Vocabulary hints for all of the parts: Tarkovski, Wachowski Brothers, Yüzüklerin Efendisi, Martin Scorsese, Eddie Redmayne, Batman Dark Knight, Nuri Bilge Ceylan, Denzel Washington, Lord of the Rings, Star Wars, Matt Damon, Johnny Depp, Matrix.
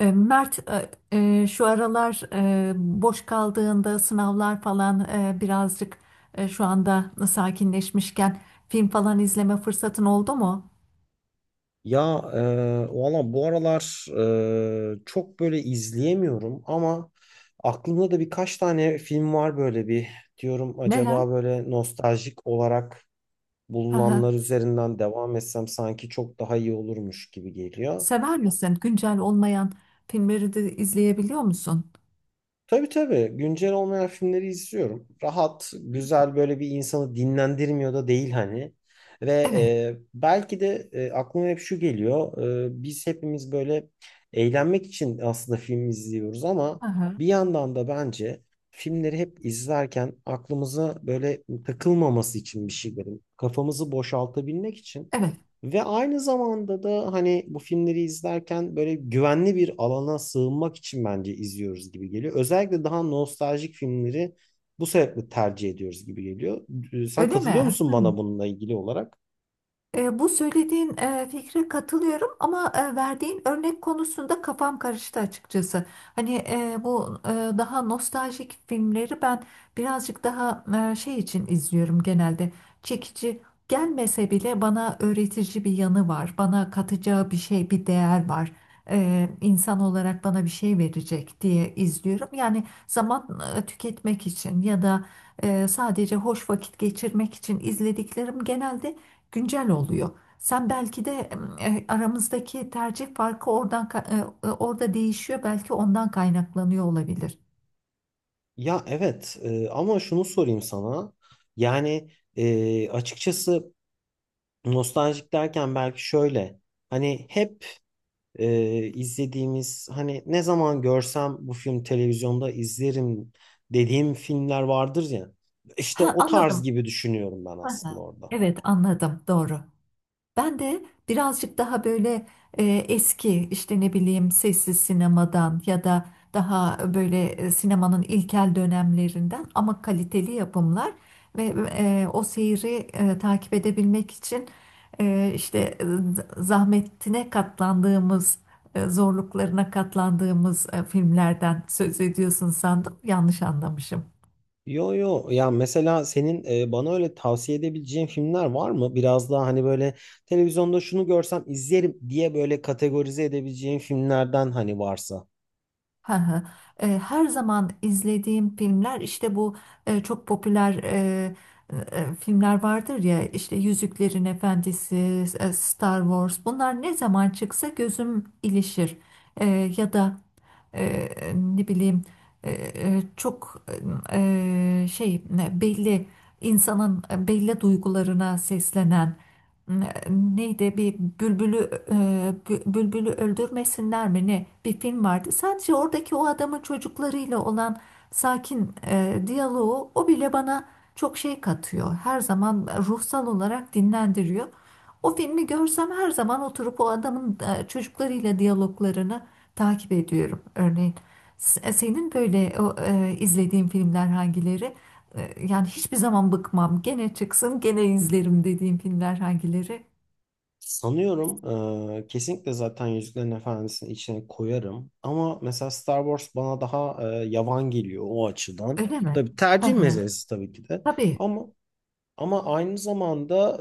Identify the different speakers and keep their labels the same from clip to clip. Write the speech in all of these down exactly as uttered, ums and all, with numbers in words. Speaker 1: E, Mert, e, e, şu aralar e, boş kaldığında sınavlar falan e, birazcık e, şu anda sakinleşmişken film falan izleme fırsatın oldu mu?
Speaker 2: Ya e, valla bu aralar e, çok böyle izleyemiyorum ama aklımda da birkaç tane film var böyle bir diyorum
Speaker 1: Neler?
Speaker 2: acaba böyle nostaljik olarak
Speaker 1: Hı hı.
Speaker 2: bulunanlar üzerinden devam etsem sanki çok daha iyi olurmuş gibi geliyor.
Speaker 1: Sever misin? Güncel olmayan filmleri de izleyebiliyor musun?
Speaker 2: Tabii tabii. Güncel olmayan filmleri izliyorum. Rahat, güzel böyle bir insanı dinlendirmiyor da değil hani. Ve
Speaker 1: Evet.
Speaker 2: e, belki de e, aklıma hep şu geliyor. E, biz hepimiz böyle eğlenmek için aslında film izliyoruz ama
Speaker 1: Hı hı.
Speaker 2: bir yandan da bence filmleri hep izlerken aklımıza böyle takılmaması için bir şey verin. Kafamızı boşaltabilmek için
Speaker 1: Evet.
Speaker 2: ve aynı zamanda da hani bu filmleri izlerken böyle güvenli bir alana sığınmak için bence izliyoruz gibi geliyor. Özellikle daha nostaljik filmleri bu sebeple tercih ediyoruz gibi geliyor. Ee, Sen
Speaker 1: Öyle
Speaker 2: katılıyor
Speaker 1: mi?
Speaker 2: musun
Speaker 1: Hı.
Speaker 2: bana bununla ilgili olarak?
Speaker 1: E, bu söylediğin e, fikre katılıyorum ama e, verdiğin örnek konusunda kafam karıştı açıkçası. Hani e, bu e, daha nostaljik filmleri ben birazcık daha e, şey için izliyorum genelde. Çekici gelmese bile bana öğretici bir yanı var. Bana katacağı bir şey, bir değer var. E, insan olarak bana bir şey verecek diye izliyorum. Yani zaman e, tüketmek için ya da e, sadece hoş vakit geçirmek için izlediklerim genelde güncel oluyor. Sen belki de e, aramızdaki tercih farkı oradan ka- e, e, orada değişiyor. Belki ondan kaynaklanıyor olabilir.
Speaker 2: Ya evet, e, ama şunu sorayım sana. Yani e, açıkçası nostaljik derken belki şöyle. Hani hep e, izlediğimiz hani ne zaman görsem bu film televizyonda izlerim dediğim filmler vardır ya. İşte
Speaker 1: Ha,
Speaker 2: o tarz
Speaker 1: anladım.
Speaker 2: gibi düşünüyorum ben
Speaker 1: Ha, ha.
Speaker 2: aslında orada.
Speaker 1: Evet anladım. Doğru. Ben de birazcık daha böyle e, eski işte ne bileyim sessiz sinemadan ya da daha böyle e, sinemanın ilkel dönemlerinden ama kaliteli yapımlar ve e, o seyri e, takip edebilmek için e, işte e, zahmetine katlandığımız e, zorluklarına katlandığımız e, filmlerden söz ediyorsun sandım, yanlış anlamışım.
Speaker 2: Yo yo ya, mesela senin e, bana öyle tavsiye edebileceğin filmler var mı? Biraz daha hani böyle televizyonda şunu görsem izlerim diye böyle kategorize edebileceğin filmlerden hani varsa.
Speaker 1: Hı hı. E, her zaman izlediğim filmler işte bu e, çok popüler e, e, filmler vardır ya, işte Yüzüklerin Efendisi, e, Star Wars, bunlar ne zaman çıksa gözüm ilişir. E, Ya da e, ne bileyim e, e, çok e, şey ne, belli insanın belli duygularına seslenen ne- neydi, bir bülbülü e, bü- bülbülü öldürmesinler mi ne, bir film vardı. Sadece oradaki o adamın çocuklarıyla olan sakin e, diyaloğu, o bile bana çok şey katıyor. Her zaman ruhsal olarak dinlendiriyor. O filmi görsem her zaman oturup o adamın e, çocuklarıyla diyaloglarını takip ediyorum. Örneğin S- senin böyle o, e, izlediğin filmler hangileri? E, Yani hiçbir zaman bıkmam. Gene çıksın, gene izlerim dediğim filmler hangileri?
Speaker 2: Sanıyorum eee, kesinlikle zaten Yüzüklerin Efendisi'nin içine koyarım. Ama mesela Star Wars bana daha eee, yavan geliyor o açıdan.
Speaker 1: Öyle mi?
Speaker 2: Tabii
Speaker 1: Hı
Speaker 2: tercih
Speaker 1: hı.
Speaker 2: meselesi tabii ki de.
Speaker 1: Tabii.
Speaker 2: Ama ama aynı zamanda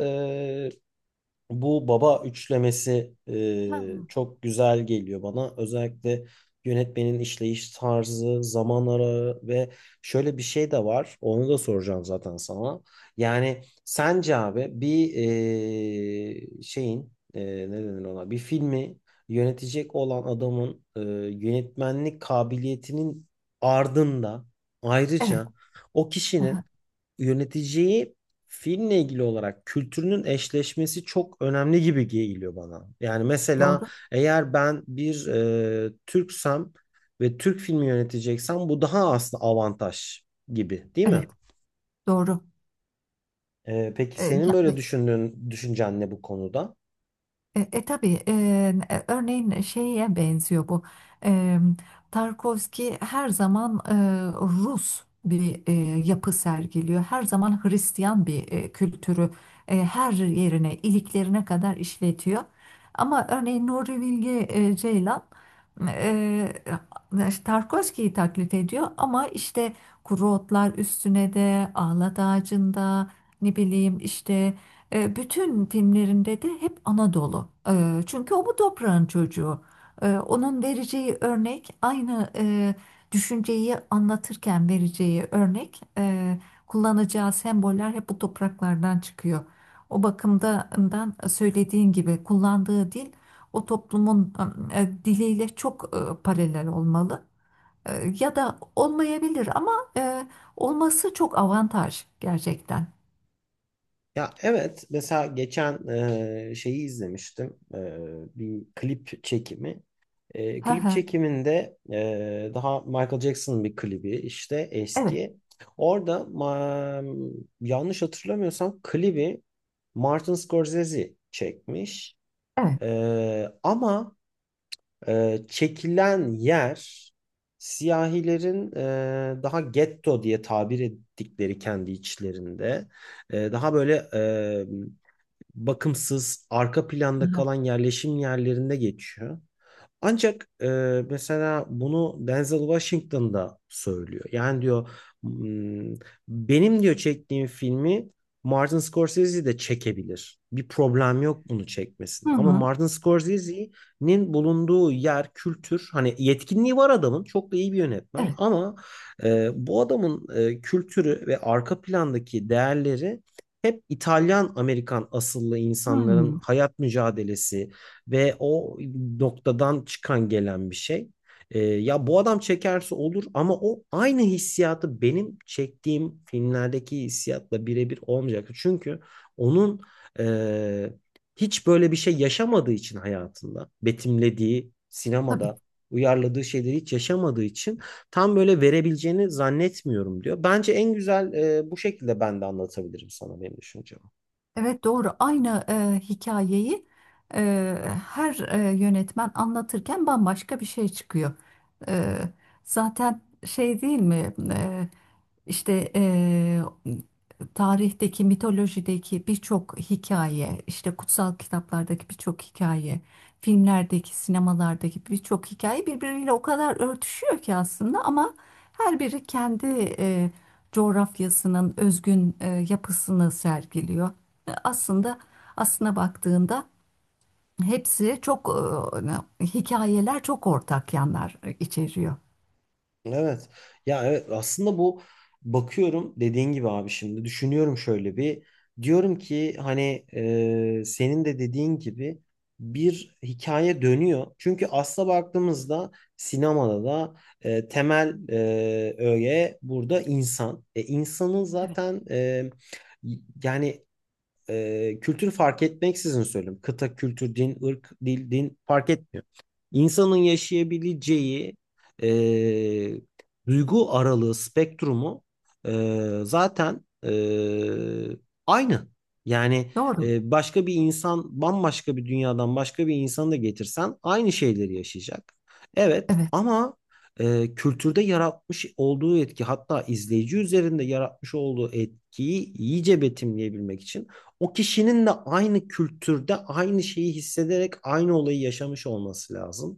Speaker 2: bu baba üçlemesi
Speaker 1: Hı.
Speaker 2: e, çok güzel geliyor bana. Özellikle yönetmenin işleyiş tarzı, zaman arağı ve şöyle bir şey de var. Onu da soracağım zaten sana. Yani sence abi bir e, şeyin, e, ne denir ona? Bir filmi yönetecek olan adamın e, yönetmenlik kabiliyetinin ardında
Speaker 1: Evet.
Speaker 2: ayrıca o
Speaker 1: Hı hı.
Speaker 2: kişinin yöneteceği filmle ilgili olarak kültürünün eşleşmesi çok önemli gibi geliyor bana. Yani mesela
Speaker 1: Doğru.
Speaker 2: eğer ben bir e, Türksem ve Türk filmi yöneteceksem bu daha aslında avantaj gibi, değil mi?
Speaker 1: Evet. Doğru.
Speaker 2: E, peki
Speaker 1: E,
Speaker 2: senin
Speaker 1: ya-
Speaker 2: böyle düşündüğün düşüncen ne bu konuda?
Speaker 1: E, e tabii, e, örneğin şeye benziyor bu. E, Tarkovski her zaman e, Rus bir e, yapı sergiliyor. Her zaman Hristiyan bir e, kültürü e, her yerine, iliklerine kadar işletiyor. Ama örneğin Nuri Bilge e, Ceylan e, Tarkovski'yi taklit ediyor, ama işte kuru otlar üstüne de, ağlat ağacında, ne bileyim işte e, bütün filmlerinde de hep Anadolu. E, çünkü o bu toprağın çocuğu. E, onun vereceği örnek, aynı e, düşünceyi anlatırken vereceği örnek, e, kullanacağı semboller hep bu topraklardan çıkıyor. O bakımdan söylediğin gibi kullandığı dil o toplumun e, diliyle çok e, paralel olmalı. E, ya da olmayabilir ama e, olması çok avantaj gerçekten.
Speaker 2: Ya evet, mesela geçen e, şeyi izlemiştim. E, bir klip çekimi. E,
Speaker 1: Hı
Speaker 2: klip
Speaker 1: hı.
Speaker 2: çekiminde e, daha Michael Jackson'ın bir klibi işte
Speaker 1: Evet,
Speaker 2: eski. Orada ma- yanlış hatırlamıyorsam klibi Martin Scorsese çekmiş.
Speaker 1: evet.
Speaker 2: E, Ama e, çekilen yer siyahilerin e, daha getto diye tabir ettikleri kendi içlerinde. E, daha böyle bakımsız, arka planda kalan yerleşim yerlerinde geçiyor. Ancak e, mesela bunu Denzel Washington da söylüyor. Yani diyor, "Hmm, benim diyor çektiğim filmi Martin Scorsese de çekebilir. Bir problem yok bunu
Speaker 1: Hı
Speaker 2: çekmesinde. Ama
Speaker 1: hı.
Speaker 2: Martin Scorsese'nin bulunduğu yer, kültür hani yetkinliği var adamın. Çok da iyi bir yönetmen
Speaker 1: Evet.
Speaker 2: ama e, bu adamın e, kültürü ve arka plandaki değerleri hep İtalyan Amerikan asıllı insanların
Speaker 1: Hı.
Speaker 2: hayat mücadelesi, ve o noktadan çıkan gelen bir şey. E, ya bu adam çekerse olur ama o aynı hissiyatı benim çektiğim filmlerdeki hissiyatla birebir olmayacak. Çünkü onun e, hiç böyle bir şey yaşamadığı için hayatında, betimlediği
Speaker 1: Tabii.
Speaker 2: sinemada uyarladığı şeyleri hiç yaşamadığı için tam böyle verebileceğini zannetmiyorum diyor. Bence en güzel e, bu şekilde ben de anlatabilirim sana benim düşüncem.
Speaker 1: Evet, doğru. Aynı e, hikayeyi e, her e, yönetmen anlatırken bambaşka bir şey çıkıyor. E, Zaten şey değil mi? E, işte e, tarihteki, mitolojideki birçok hikaye, işte kutsal kitaplardaki birçok hikaye, filmlerdeki, sinemalardaki birçok hikaye birbiriyle o kadar örtüşüyor ki aslında, ama her biri kendi e, coğrafyasının özgün e, yapısını sergiliyor. Aslında aslına baktığında hepsi çok e, hani, hikayeler çok ortak yanlar içeriyor.
Speaker 2: Evet. Ya evet, aslında bu bakıyorum dediğin gibi abi, şimdi düşünüyorum şöyle bir diyorum ki hani e, senin de dediğin gibi bir hikaye dönüyor. Çünkü asla baktığımızda sinemada da e, temel e, öğe burada insan. E, insanın
Speaker 1: Evet.
Speaker 2: zaten e, yani e, kültür fark etmeksizin söylüyorum. Kıta, kültür, din, ırk, dil, din fark etmiyor. İnsanın yaşayabileceği e, duygu aralığı, spektrumu e, zaten e, aynı. Yani
Speaker 1: Doğru.
Speaker 2: e, başka bir insan, bambaşka bir dünyadan başka bir insanı da getirsen aynı şeyleri yaşayacak. Evet
Speaker 1: Evet,
Speaker 2: ama e, kültürde yaratmış olduğu etki hatta izleyici üzerinde yaratmış olduğu etkiyi iyice betimleyebilmek için o kişinin de aynı kültürde aynı şeyi hissederek aynı olayı yaşamış olması lazım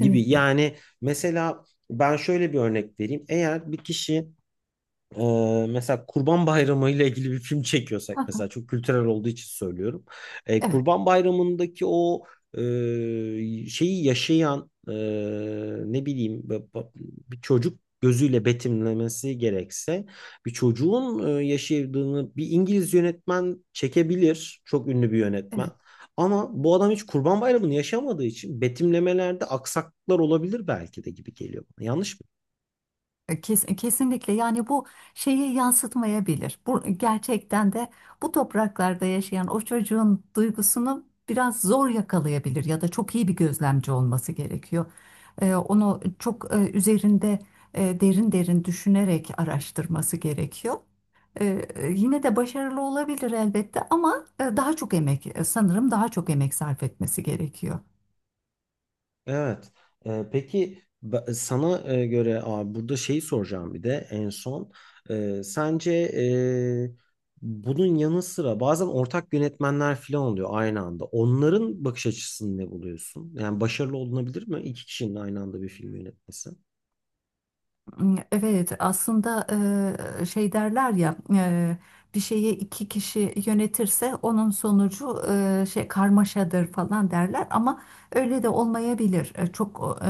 Speaker 2: gibi. Yani mesela ben şöyle bir örnek vereyim. Eğer bir kişi ee, mesela Kurban Bayramı ile ilgili bir film çekiyorsak
Speaker 1: Ha,
Speaker 2: mesela çok kültürel olduğu için söylüyorum. Ee,
Speaker 1: evet,
Speaker 2: Kurban Bayramı'ndaki o e, şeyi yaşayan, e, ne bileyim b- b- bir çocuk gözüyle betimlemesi gerekse bir çocuğun e, yaşadığını bir İngiliz yönetmen çekebilir. Çok ünlü bir yönetmen.
Speaker 1: evet.
Speaker 2: Ama bu adam hiç Kurban Bayramı'nı yaşamadığı için betimlemelerde aksaklıklar olabilir belki de gibi geliyor bana. Yanlış mı?
Speaker 1: E, Kes- e, Kesinlikle, yani bu şeyi yansıtmayabilir. Bu e, gerçekten de bu topraklarda yaşayan o çocuğun duygusunu biraz zor yakalayabilir, ya da çok iyi bir gözlemci olması gerekiyor. Ee, onu çok e, üzerinde e, derin derin düşünerek araştırması gerekiyor. Ee, Yine de başarılı olabilir elbette, ama e, daha çok emek e, sanırım daha çok emek sarf etmesi gerekiyor.
Speaker 2: Evet. Ee, peki ba- sana e, göre abi burada şeyi soracağım bir de en son. Ee, sence e, bunun yanı sıra bazen ortak yönetmenler falan oluyor aynı anda. Onların bakış açısını ne buluyorsun? Yani başarılı olunabilir mi iki kişinin aynı anda bir film yönetmesi?
Speaker 1: Evet, aslında e, şey derler ya, e, bir şeyi iki kişi yönetirse onun sonucu e, şey karmaşadır falan derler, ama öyle de olmayabilir. E, Çok e,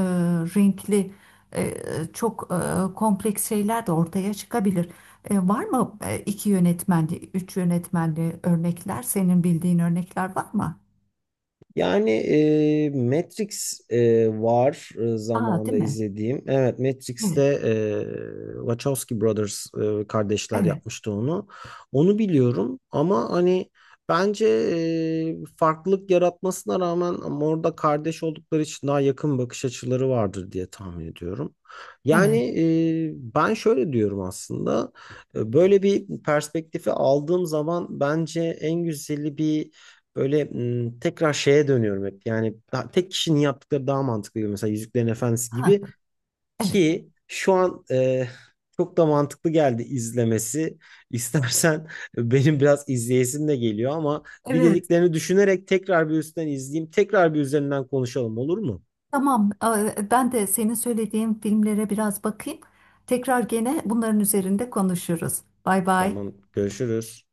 Speaker 1: renkli, e, çok e, kompleks şeyler de ortaya çıkabilir. E, Var mı e, iki yönetmenli, üç yönetmenli örnekler? Senin bildiğin örnekler var mı?
Speaker 2: Yani e, Matrix e, var e,
Speaker 1: Aa,
Speaker 2: zamanında
Speaker 1: değil mi?
Speaker 2: izlediğim. Evet, Matrix'te
Speaker 1: Evet,
Speaker 2: e, Wachowski Brothers e, kardeşler
Speaker 1: evet,
Speaker 2: yapmıştı onu. Onu biliyorum ama hani bence e, farklılık yaratmasına rağmen ama orada kardeş oldukları için daha yakın bakış açıları vardır diye tahmin ediyorum. Yani
Speaker 1: evet.
Speaker 2: e, ben şöyle diyorum aslında. E, Böyle bir perspektifi aldığım zaman bence en güzeli bir böyle, m, tekrar şeye dönüyorum hep. Yani daha- tek kişinin yaptıkları daha mantıklı gibi. Mesela Yüzüklerin Efendisi
Speaker 1: Ha,
Speaker 2: gibi
Speaker 1: evet,
Speaker 2: ki şu an e, çok da mantıklı geldi izlemesi. İstersen benim biraz izleyesim de geliyor ama bir
Speaker 1: evet.
Speaker 2: dediklerini düşünerek tekrar bir üstten izleyeyim. Tekrar bir üzerinden konuşalım, olur mu?
Speaker 1: Tamam, e, ben de senin söylediğin filmlere biraz bakayım. Tekrar gene bunların üzerinde konuşuruz. Bay bay.
Speaker 2: Tamam, görüşürüz.